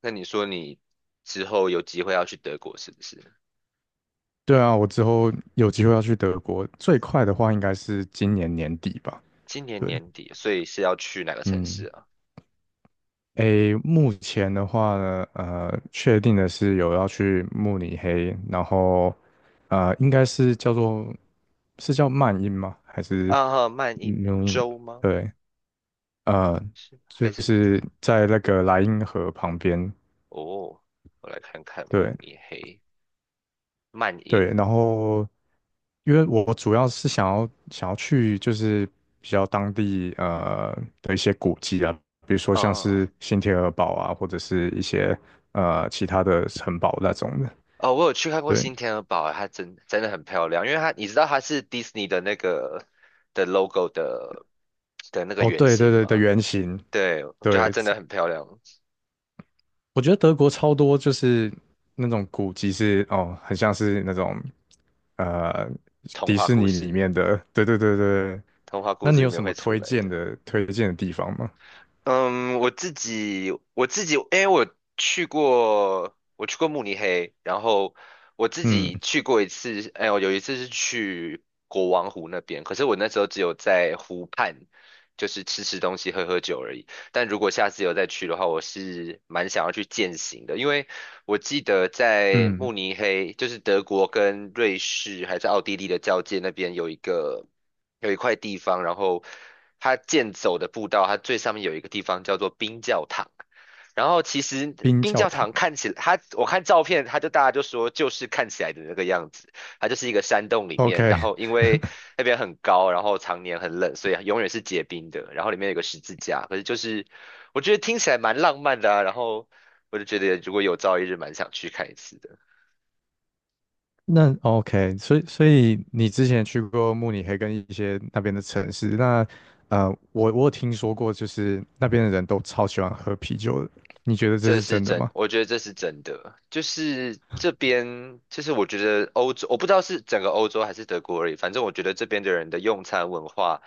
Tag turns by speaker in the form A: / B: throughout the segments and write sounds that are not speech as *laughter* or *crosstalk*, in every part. A: 那你说你之后有机会要去德国是不是？
B: 对啊，我之后有机会要去德国，最快的话应该是今年年底吧。
A: 今年
B: 对，
A: 年底，所以是要去哪个城市
B: 嗯，
A: 啊？
B: 诶，目前的话呢，确定的是有要去慕尼黑，然后应该是叫做是叫曼因吗？还是
A: 啊，曼因
B: 纽因？
A: 州吗？
B: 对，呃，
A: 是
B: 就
A: 还是？
B: 是在那个莱茵河旁边。
A: 哦，我来看看慕
B: 对，
A: 尼黑、曼
B: 对，
A: 因。
B: 然后因为我主要是想要去就是比较当地的一些古迹啊，比如说像
A: 啊
B: 是新天鹅堡啊，或者是一些其他的城堡那种的。
A: 哦，我有去看过
B: 对，
A: 新天鹅堡啊，它真的很漂亮，因为它你知道它是迪士尼的那个 logo 的那个
B: 哦，
A: 原
B: 对对
A: 型
B: 对的
A: 吗？
B: 原型，
A: 对，我觉得它
B: 对，
A: 真的很漂亮，
B: 我觉得德国超多就是那种古迹是哦，很像是那种呃
A: 童
B: 迪
A: 话
B: 士
A: 故
B: 尼里
A: 事，
B: 面的，对对对对。
A: 童话
B: 那
A: 故事
B: 你
A: 里
B: 有
A: 面
B: 什
A: 会
B: 么
A: 出
B: 推
A: 来
B: 荐
A: 的。
B: 的推荐的地方吗？
A: 嗯，我自己，因为我去过慕尼黑，然后我自己
B: 嗯
A: 去过一次，哎，我有一次是去国王湖那边，可是我那时候只有在湖畔，就是吃吃东西、喝喝酒而已。但如果下次有再去的话，我是蛮想要去践行的，因为我记得在
B: 嗯。
A: 慕尼黑，就是德国跟瑞士还是奥地利的交界那边有一个。有一块地方，然后它健走的步道，它最上面有一个地方叫做冰教堂。然后其实
B: 冰
A: 冰
B: 教
A: 教
B: 堂。
A: 堂看起来，它我看照片，它就大家就说就是看起来的那个样子，它就是一个山洞里面，然
B: OK。
A: 后因为那边很高，然后常年很冷，所以永远是结冰的。然后里面有个十字架，可是就是我觉得听起来蛮浪漫的啊。然后我就觉得如果有朝一日蛮想去看一次的。
B: *laughs* 那 OK，所以你之前去过慕尼黑跟一些那边的城市，那我有听说过，就是那边的人都超喜欢喝啤酒的，你觉得这
A: 这
B: 是
A: 是
B: 真的
A: 真，
B: 吗？
A: 我觉得这是真的。就是这边，就是我觉得欧洲，我不知道是整个欧洲还是德国而已，反正我觉得这边的人的用餐文化，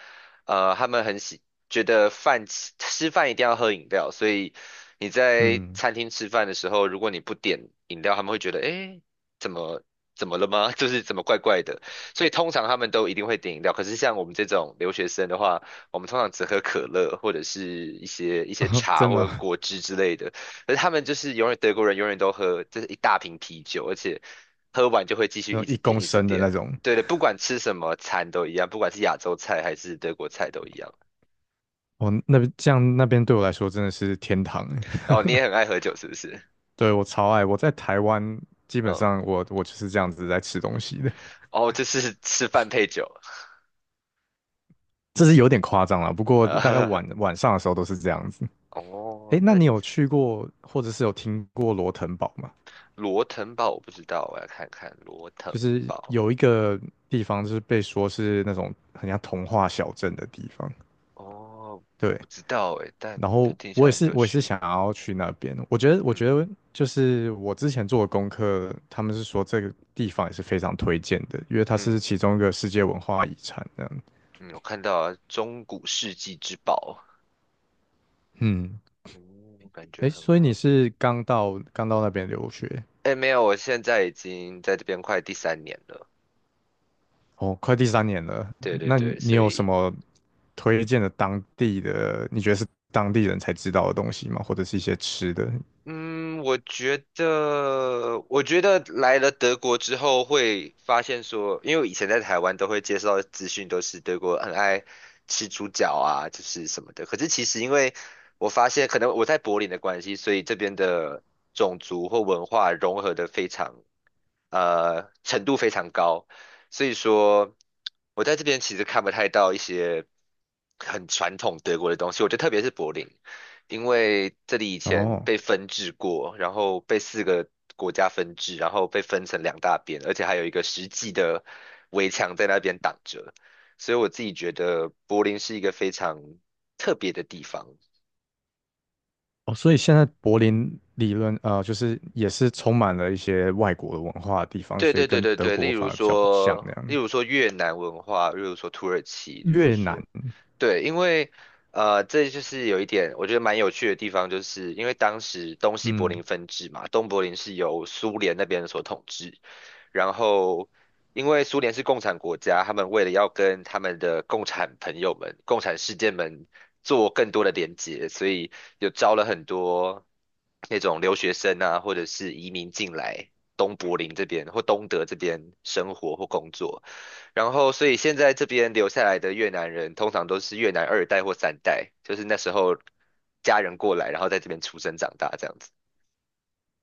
A: 他们很喜，觉得吃饭一定要喝饮料，所以你在
B: 嗯，
A: 餐厅吃饭的时候，如果你不点饮料，他们会觉得，诶，怎么怎么了吗？*laughs* 就是怎么怪怪的。所以通常他们都一定会点饮料，可是像我们这种留学生的话，我们通常只喝可乐或者是一些
B: *laughs*
A: 茶
B: 真
A: 或
B: 的
A: 者
B: 哦。
A: 果汁之类的。可是他们就是永远德国人永远都喝，就是一大瓶啤酒，而且喝完就会继续
B: 那
A: 一
B: 种
A: 直
B: 一
A: 点
B: 公
A: 一直
B: 升的
A: 点。
B: 那种，
A: 对的，不管吃什么餐都一样，不管是亚洲菜还是德国菜都一样。
B: 哦，那边对我来说真的是天堂。
A: 哦，你
B: *laughs*
A: 也很爱喝酒是不是？
B: 对，我超爱。我在台湾基本
A: 嗯，
B: 上我就是这样子在吃东西的，
A: 哦，就是吃饭配酒。
B: 这是有点夸张了，不
A: *laughs*
B: 过大概
A: 啊
B: 晚上的时候都是这样子。
A: 哦，
B: 哎，那
A: 那
B: 你有去过或者是有听过罗腾堡吗？
A: 罗腾堡我不知道，我要看看罗腾
B: 就是
A: 堡。
B: 有一个地方，就是被说是那种很像童话小镇的地方。
A: 哦，我
B: 对，
A: 不知道诶，但
B: 然
A: 感觉
B: 后
A: 听起来很有
B: 我也是
A: 趣。
B: 想要去那边。我觉得，
A: 嗯
B: 就是我之前做的功课，他们是说这个地方也是非常推荐的，因为它是
A: 嗯
B: 其中一个世界文化遗产这样。
A: 嗯，我看到了中古世纪之宝，
B: 嗯，
A: 哦，我感
B: 哎，
A: 觉很
B: 所以
A: 好。
B: 你是刚到那边留学？
A: 哎，没有，我现在已经在这边快第三年了。
B: 哦，快第三年了，
A: 对对
B: 那
A: 对，
B: 你
A: 所
B: 有什
A: 以
B: 么推荐的当地的，你觉得是当地人才知道的东西吗？或者是一些吃的？
A: 嗯，我觉得，我觉得来了德国之后会发现说，因为我以前在台湾都会接受到的资讯都是德国很爱吃猪脚啊，就是什么的。可是其实因为我发现，可能我在柏林的关系，所以这边的种族或文化融合的非常，程度非常高。所以说，我在这边其实看不太到一些很传统德国的东西，我觉得特别是柏林。因为这里以前
B: 哦
A: 被分治过，然后被四个国家分治，然后被分成两大边，而且还有一个实际的围墙在那边挡着，所以我自己觉得柏林是一个非常特别的地方。
B: 哦，所以现在柏林理论就是也是充满了一些外国的文化的地方，
A: 对
B: 所以
A: 对对
B: 跟
A: 对
B: 德
A: 对，例
B: 国
A: 如
B: 反而比较不像
A: 说，
B: 那
A: 例
B: 样。
A: 如说越南文化，例如说土耳其，例如
B: 越南，
A: 说，对，因为这就是有一点我觉得蛮有趣的地方，就是因为当时东西柏
B: 嗯，
A: 林分治嘛，东柏林是由苏联那边所统治，然后因为苏联是共产国家，他们为了要跟他们的共产朋友们、共产世界们做更多的连接，所以有招了很多那种留学生啊，或者是移民进来东柏林这边或东德这边生活或工作。然后，所以现在这边留下来的越南人，通常都是越南二代或三代，就是那时候家人过来，然后在这边出生长大这样子。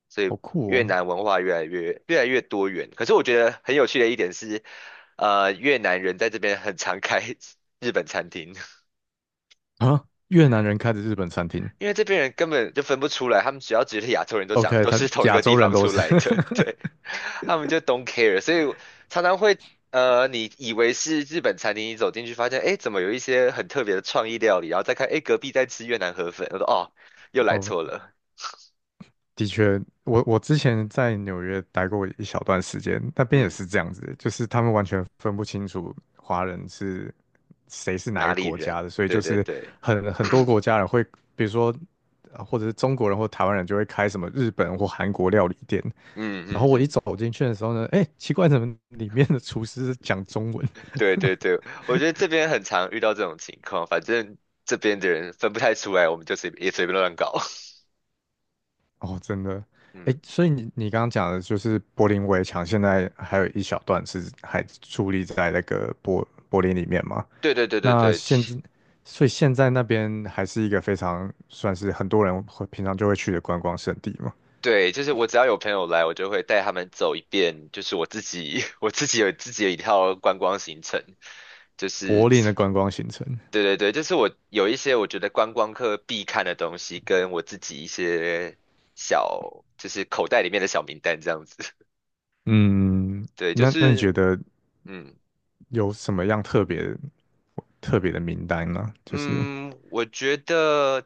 A: 所以
B: 好酷
A: 越
B: 哦！
A: 南文化越来越多元。可是我觉得很有趣的一点是，越南人在这边很常开 *laughs* 日本餐厅。
B: 啊，越南人开的日本餐厅
A: 因为这边人根本就分不出来，他们只要觉得亚洲人都长
B: ，OK，
A: 都
B: 他
A: 是同一
B: 亚
A: 个地
B: 洲人
A: 方
B: 都
A: 出
B: 是
A: 来的，*laughs* 对，他们就 don't care,所以我常常会你以为是日本餐厅，你走进去发现，哎，怎么有一些很特别的创意料理，然后再看，哎，隔壁在吃越南河粉，我说哦，又来
B: 哦。*laughs*
A: 错
B: 哦。
A: 了，
B: 的确，我之前在纽约待过一小段时间，那边也
A: 嗯，
B: 是这样子，就是他们完全分不清楚华人是谁是哪一
A: 哪
B: 个
A: 里
B: 国家
A: 人？
B: 的，所以
A: 对
B: 就
A: 对
B: 是
A: 对，
B: 很多国家人会，比如说或者是中国人或台湾人就会开什么日本或韩国料理店，
A: 嗯
B: 然后
A: 嗯
B: 我一
A: 嗯，
B: 走进去的时候呢，哎，奇怪，怎么里面的厨师是讲中文？
A: 对对对，我觉得这边很常遇到这种情况，反正这边的人分不太出来，我们就随也随便乱搞，
B: 哦，真的，
A: *laughs*
B: 哎，
A: 嗯，
B: 所以你刚刚讲的就是柏林围墙，现在还有一小段是还矗立在那个柏林里面吗？
A: 对对对对
B: 那
A: 对。
B: 现在，所以现在那边还是一个非常算是很多人会平常就会去的观光胜地嘛，
A: 对，就是我只要有朋友来，我就会带他们走一遍，就是我自己 *laughs* 我自己有自己的一套观光行程，就是
B: 柏林的观光行程。
A: 对对对，就是我有一些我觉得观光客必看的东西，跟我自己一些小就是口袋里面的小名单这样子。
B: 嗯，
A: *laughs* 对，就
B: 那你觉
A: 是
B: 得
A: 嗯，
B: 有什么样特别的名单呢？就是
A: 嗯，我觉得，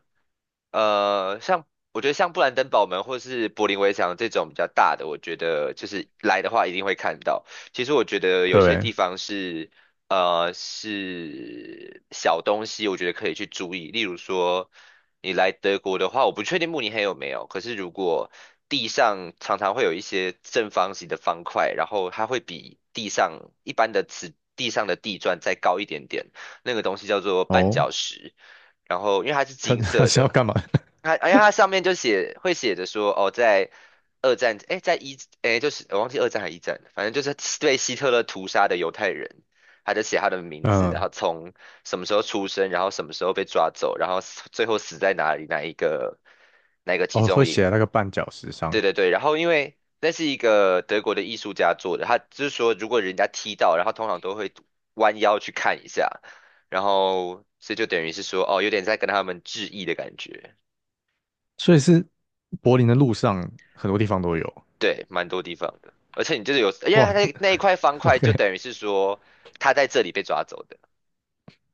A: 像我觉得像布兰登堡门或是柏林围墙这种比较大的，我觉得就是来的话一定会看到。其实我觉得有些
B: 对，
A: 地方是，是小东西，我觉得可以去注意。例如说，你来德国的话，我不确定慕尼黑有没有，可是如果地上常常会有一些正方形的方块，然后它会比地上一般的瓷地上的地砖再高一点点。那个东西叫做绊
B: 哦，
A: 脚石，然后因为它是
B: 他
A: 金
B: *laughs* 他
A: 色
B: 是要
A: 的，
B: 干嘛？*laughs*
A: 他哎呀，他上面就写会写着说，哦，在二战，哎，在一，哎，就是我忘记二战还一战了反正就是对希特勒屠杀的犹太人，他就写他的名字，然
B: 嗯，
A: 后从什么时候出生，然后什么时候被抓走，然后死最后死在哪里，哪一个集
B: 哦，会
A: 中
B: 写在
A: 营。
B: 那个绊脚石上，
A: 对对对，然后因为那是一个德国的艺术家做的，他就是说如果人家踢到，然后通常都会弯腰去看一下，然后所以就等于是说哦，有点在跟他们致意的感觉。
B: 所以是柏林的路上很多地方都有。
A: 对，蛮多地方的，而且你就是有，因为它
B: 哇，这
A: 那一块方
B: *laughs*
A: 块就
B: OK。
A: 等于是说他在这里被抓走的。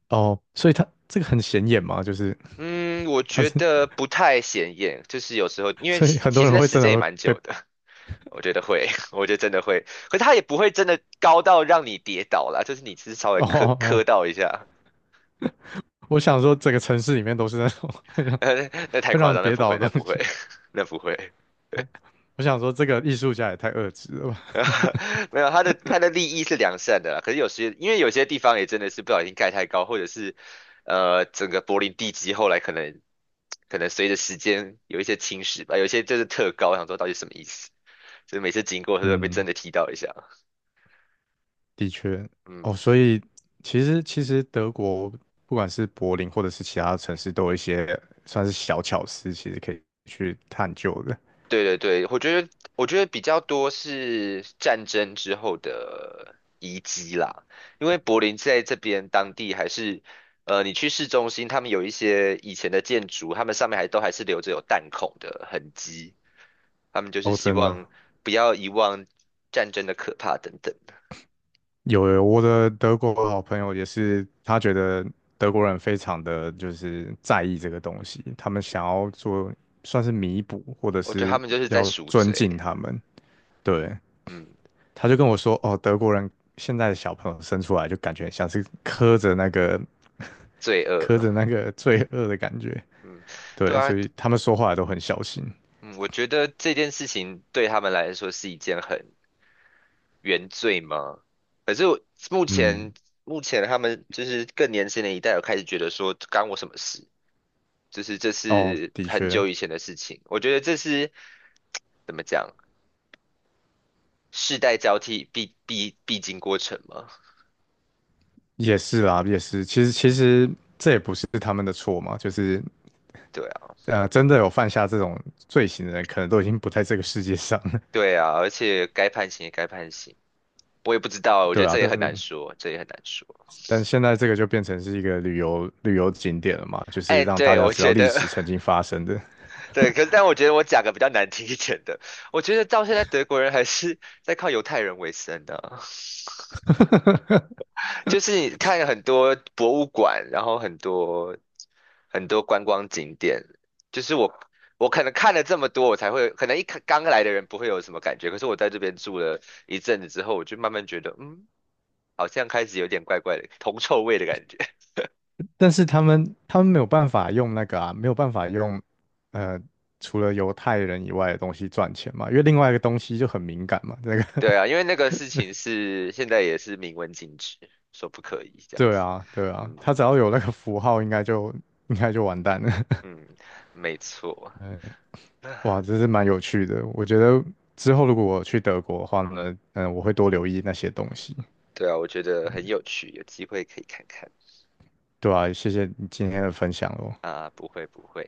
B: 哦，所以他这个很显眼嘛，就是
A: 嗯，我
B: 他
A: 觉
B: 是，
A: 得不太显眼，就是有时候
B: *laughs*
A: 因为
B: 所以
A: 其
B: 很
A: 其
B: 多
A: 实
B: 人
A: 那
B: 会
A: 时
B: 真的
A: 间也
B: 会
A: 蛮
B: 被
A: 久的，*laughs* 我觉得会，*laughs* 我觉得真的会，可是它也不会真的高到让你跌倒啦，就是你只是稍微
B: 哦
A: 磕
B: 哦，哦，
A: 磕到一下，
B: 我想说整个城市里面都是那种 *laughs* 会让
A: *laughs* 那太夸
B: 人
A: 张，那
B: 跌
A: 不会，
B: 倒的
A: 那
B: 东
A: 不会，
B: 西。
A: *laughs* 那不会。
B: 我我想说这个艺术家也太恶质了吧？
A: *laughs* 没有，它的利益是良善的啦，可是有些因为有些地方也真的是不小心盖太高，或者是整个柏林地基后来可能可能随着时间有一些侵蚀吧，有一些就是特高，我想说到底什么意思，所以每次经过都会被真
B: 嗯，
A: 的踢到一下。
B: 的确。哦，
A: 嗯，
B: 所以其实德国不管是柏林或者是其他城市，都有一些算是小巧思，其实可以去探究的。
A: 对对对，我觉得我觉得比较多是战争之后的遗迹啦，因为柏林在这边当地还是，你去市中心，他们有一些以前的建筑，他们上面还都还是留着有弹孔的痕迹，他们就是
B: 哦，
A: 希
B: 真的，
A: 望不要遗忘战争的可怕等等
B: 有有，我的德国好朋友也是，他觉得德国人非常的就是在意这个东西，他们想要做算是弥补，或者
A: 我觉得他
B: 是
A: 们就是在
B: 要
A: 赎
B: 尊
A: 罪，
B: 敬他们，对，
A: 嗯，
B: 他就跟我说，哦，德国人现在的小朋友生出来就感觉像是磕着那个
A: 罪恶，
B: 罪恶的感觉，
A: 嗯，对
B: 对，
A: 啊，
B: 所以他们说话都很小心。
A: 嗯，我觉得这件事情对他们来说是一件很原罪吗？可是我目前
B: 嗯，
A: 目前他们就是更年轻的一代有开始觉得说干我什么事，就是这
B: 哦，
A: 是
B: 的
A: 很
B: 确，
A: 久以前的事情。我觉得这是怎么讲，世代交替必经过程嘛。
B: 也是啦，也是。其
A: 嗯，
B: 实这也不是他们的错嘛，就是
A: 对啊，
B: 真的有犯下这种罪行的人，可能都已经不在这个世界上了。
A: 对啊，而且该判刑也该判刑，我也不知道，
B: *laughs*
A: 我觉
B: 对
A: 得
B: 啊，
A: 这也很难说，这也很难说。
B: 但现在这个就变成是一个旅游景点了嘛，就是
A: 哎，
B: 让大
A: 对，
B: 家
A: 我
B: 知道
A: 觉
B: 历
A: 得
B: 史曾经
A: *laughs*
B: 发生的。
A: 对，可是但我觉得我讲个比较难听一点的，我觉得到现在德国人还是在靠犹太人为生的啊就是你看很多博物馆，然后很多很多观光景点，就是我可能看了这么多，我才会可能一开刚来的人不会有什么感觉，可是我在这边住了一阵子之后，我就慢慢觉得，嗯，好像开始有点怪怪的铜臭味的感觉。*laughs*
B: 但是他们没有办法用那个啊，没有办法用呃，除了犹太人以外的东西赚钱嘛，因为另外一个东西就很敏感嘛，那个
A: 对啊，
B: *laughs*
A: 因为那个事情是现在也是明文禁止，说不可以这样
B: 对
A: 子。
B: 啊对啊，
A: 嗯
B: 他只要有那个符号，应该就完蛋了。
A: 嗯，没错。
B: *laughs* 哇，
A: *sighs*
B: 这是蛮有趣的，我觉得之后如果我去德国的话呢，嗯，我会多留意那些东西。
A: 对啊，我觉得很有趣，有机会可以看看
B: 对啊，谢谢你今天的分享哦。
A: 啊，不会不会。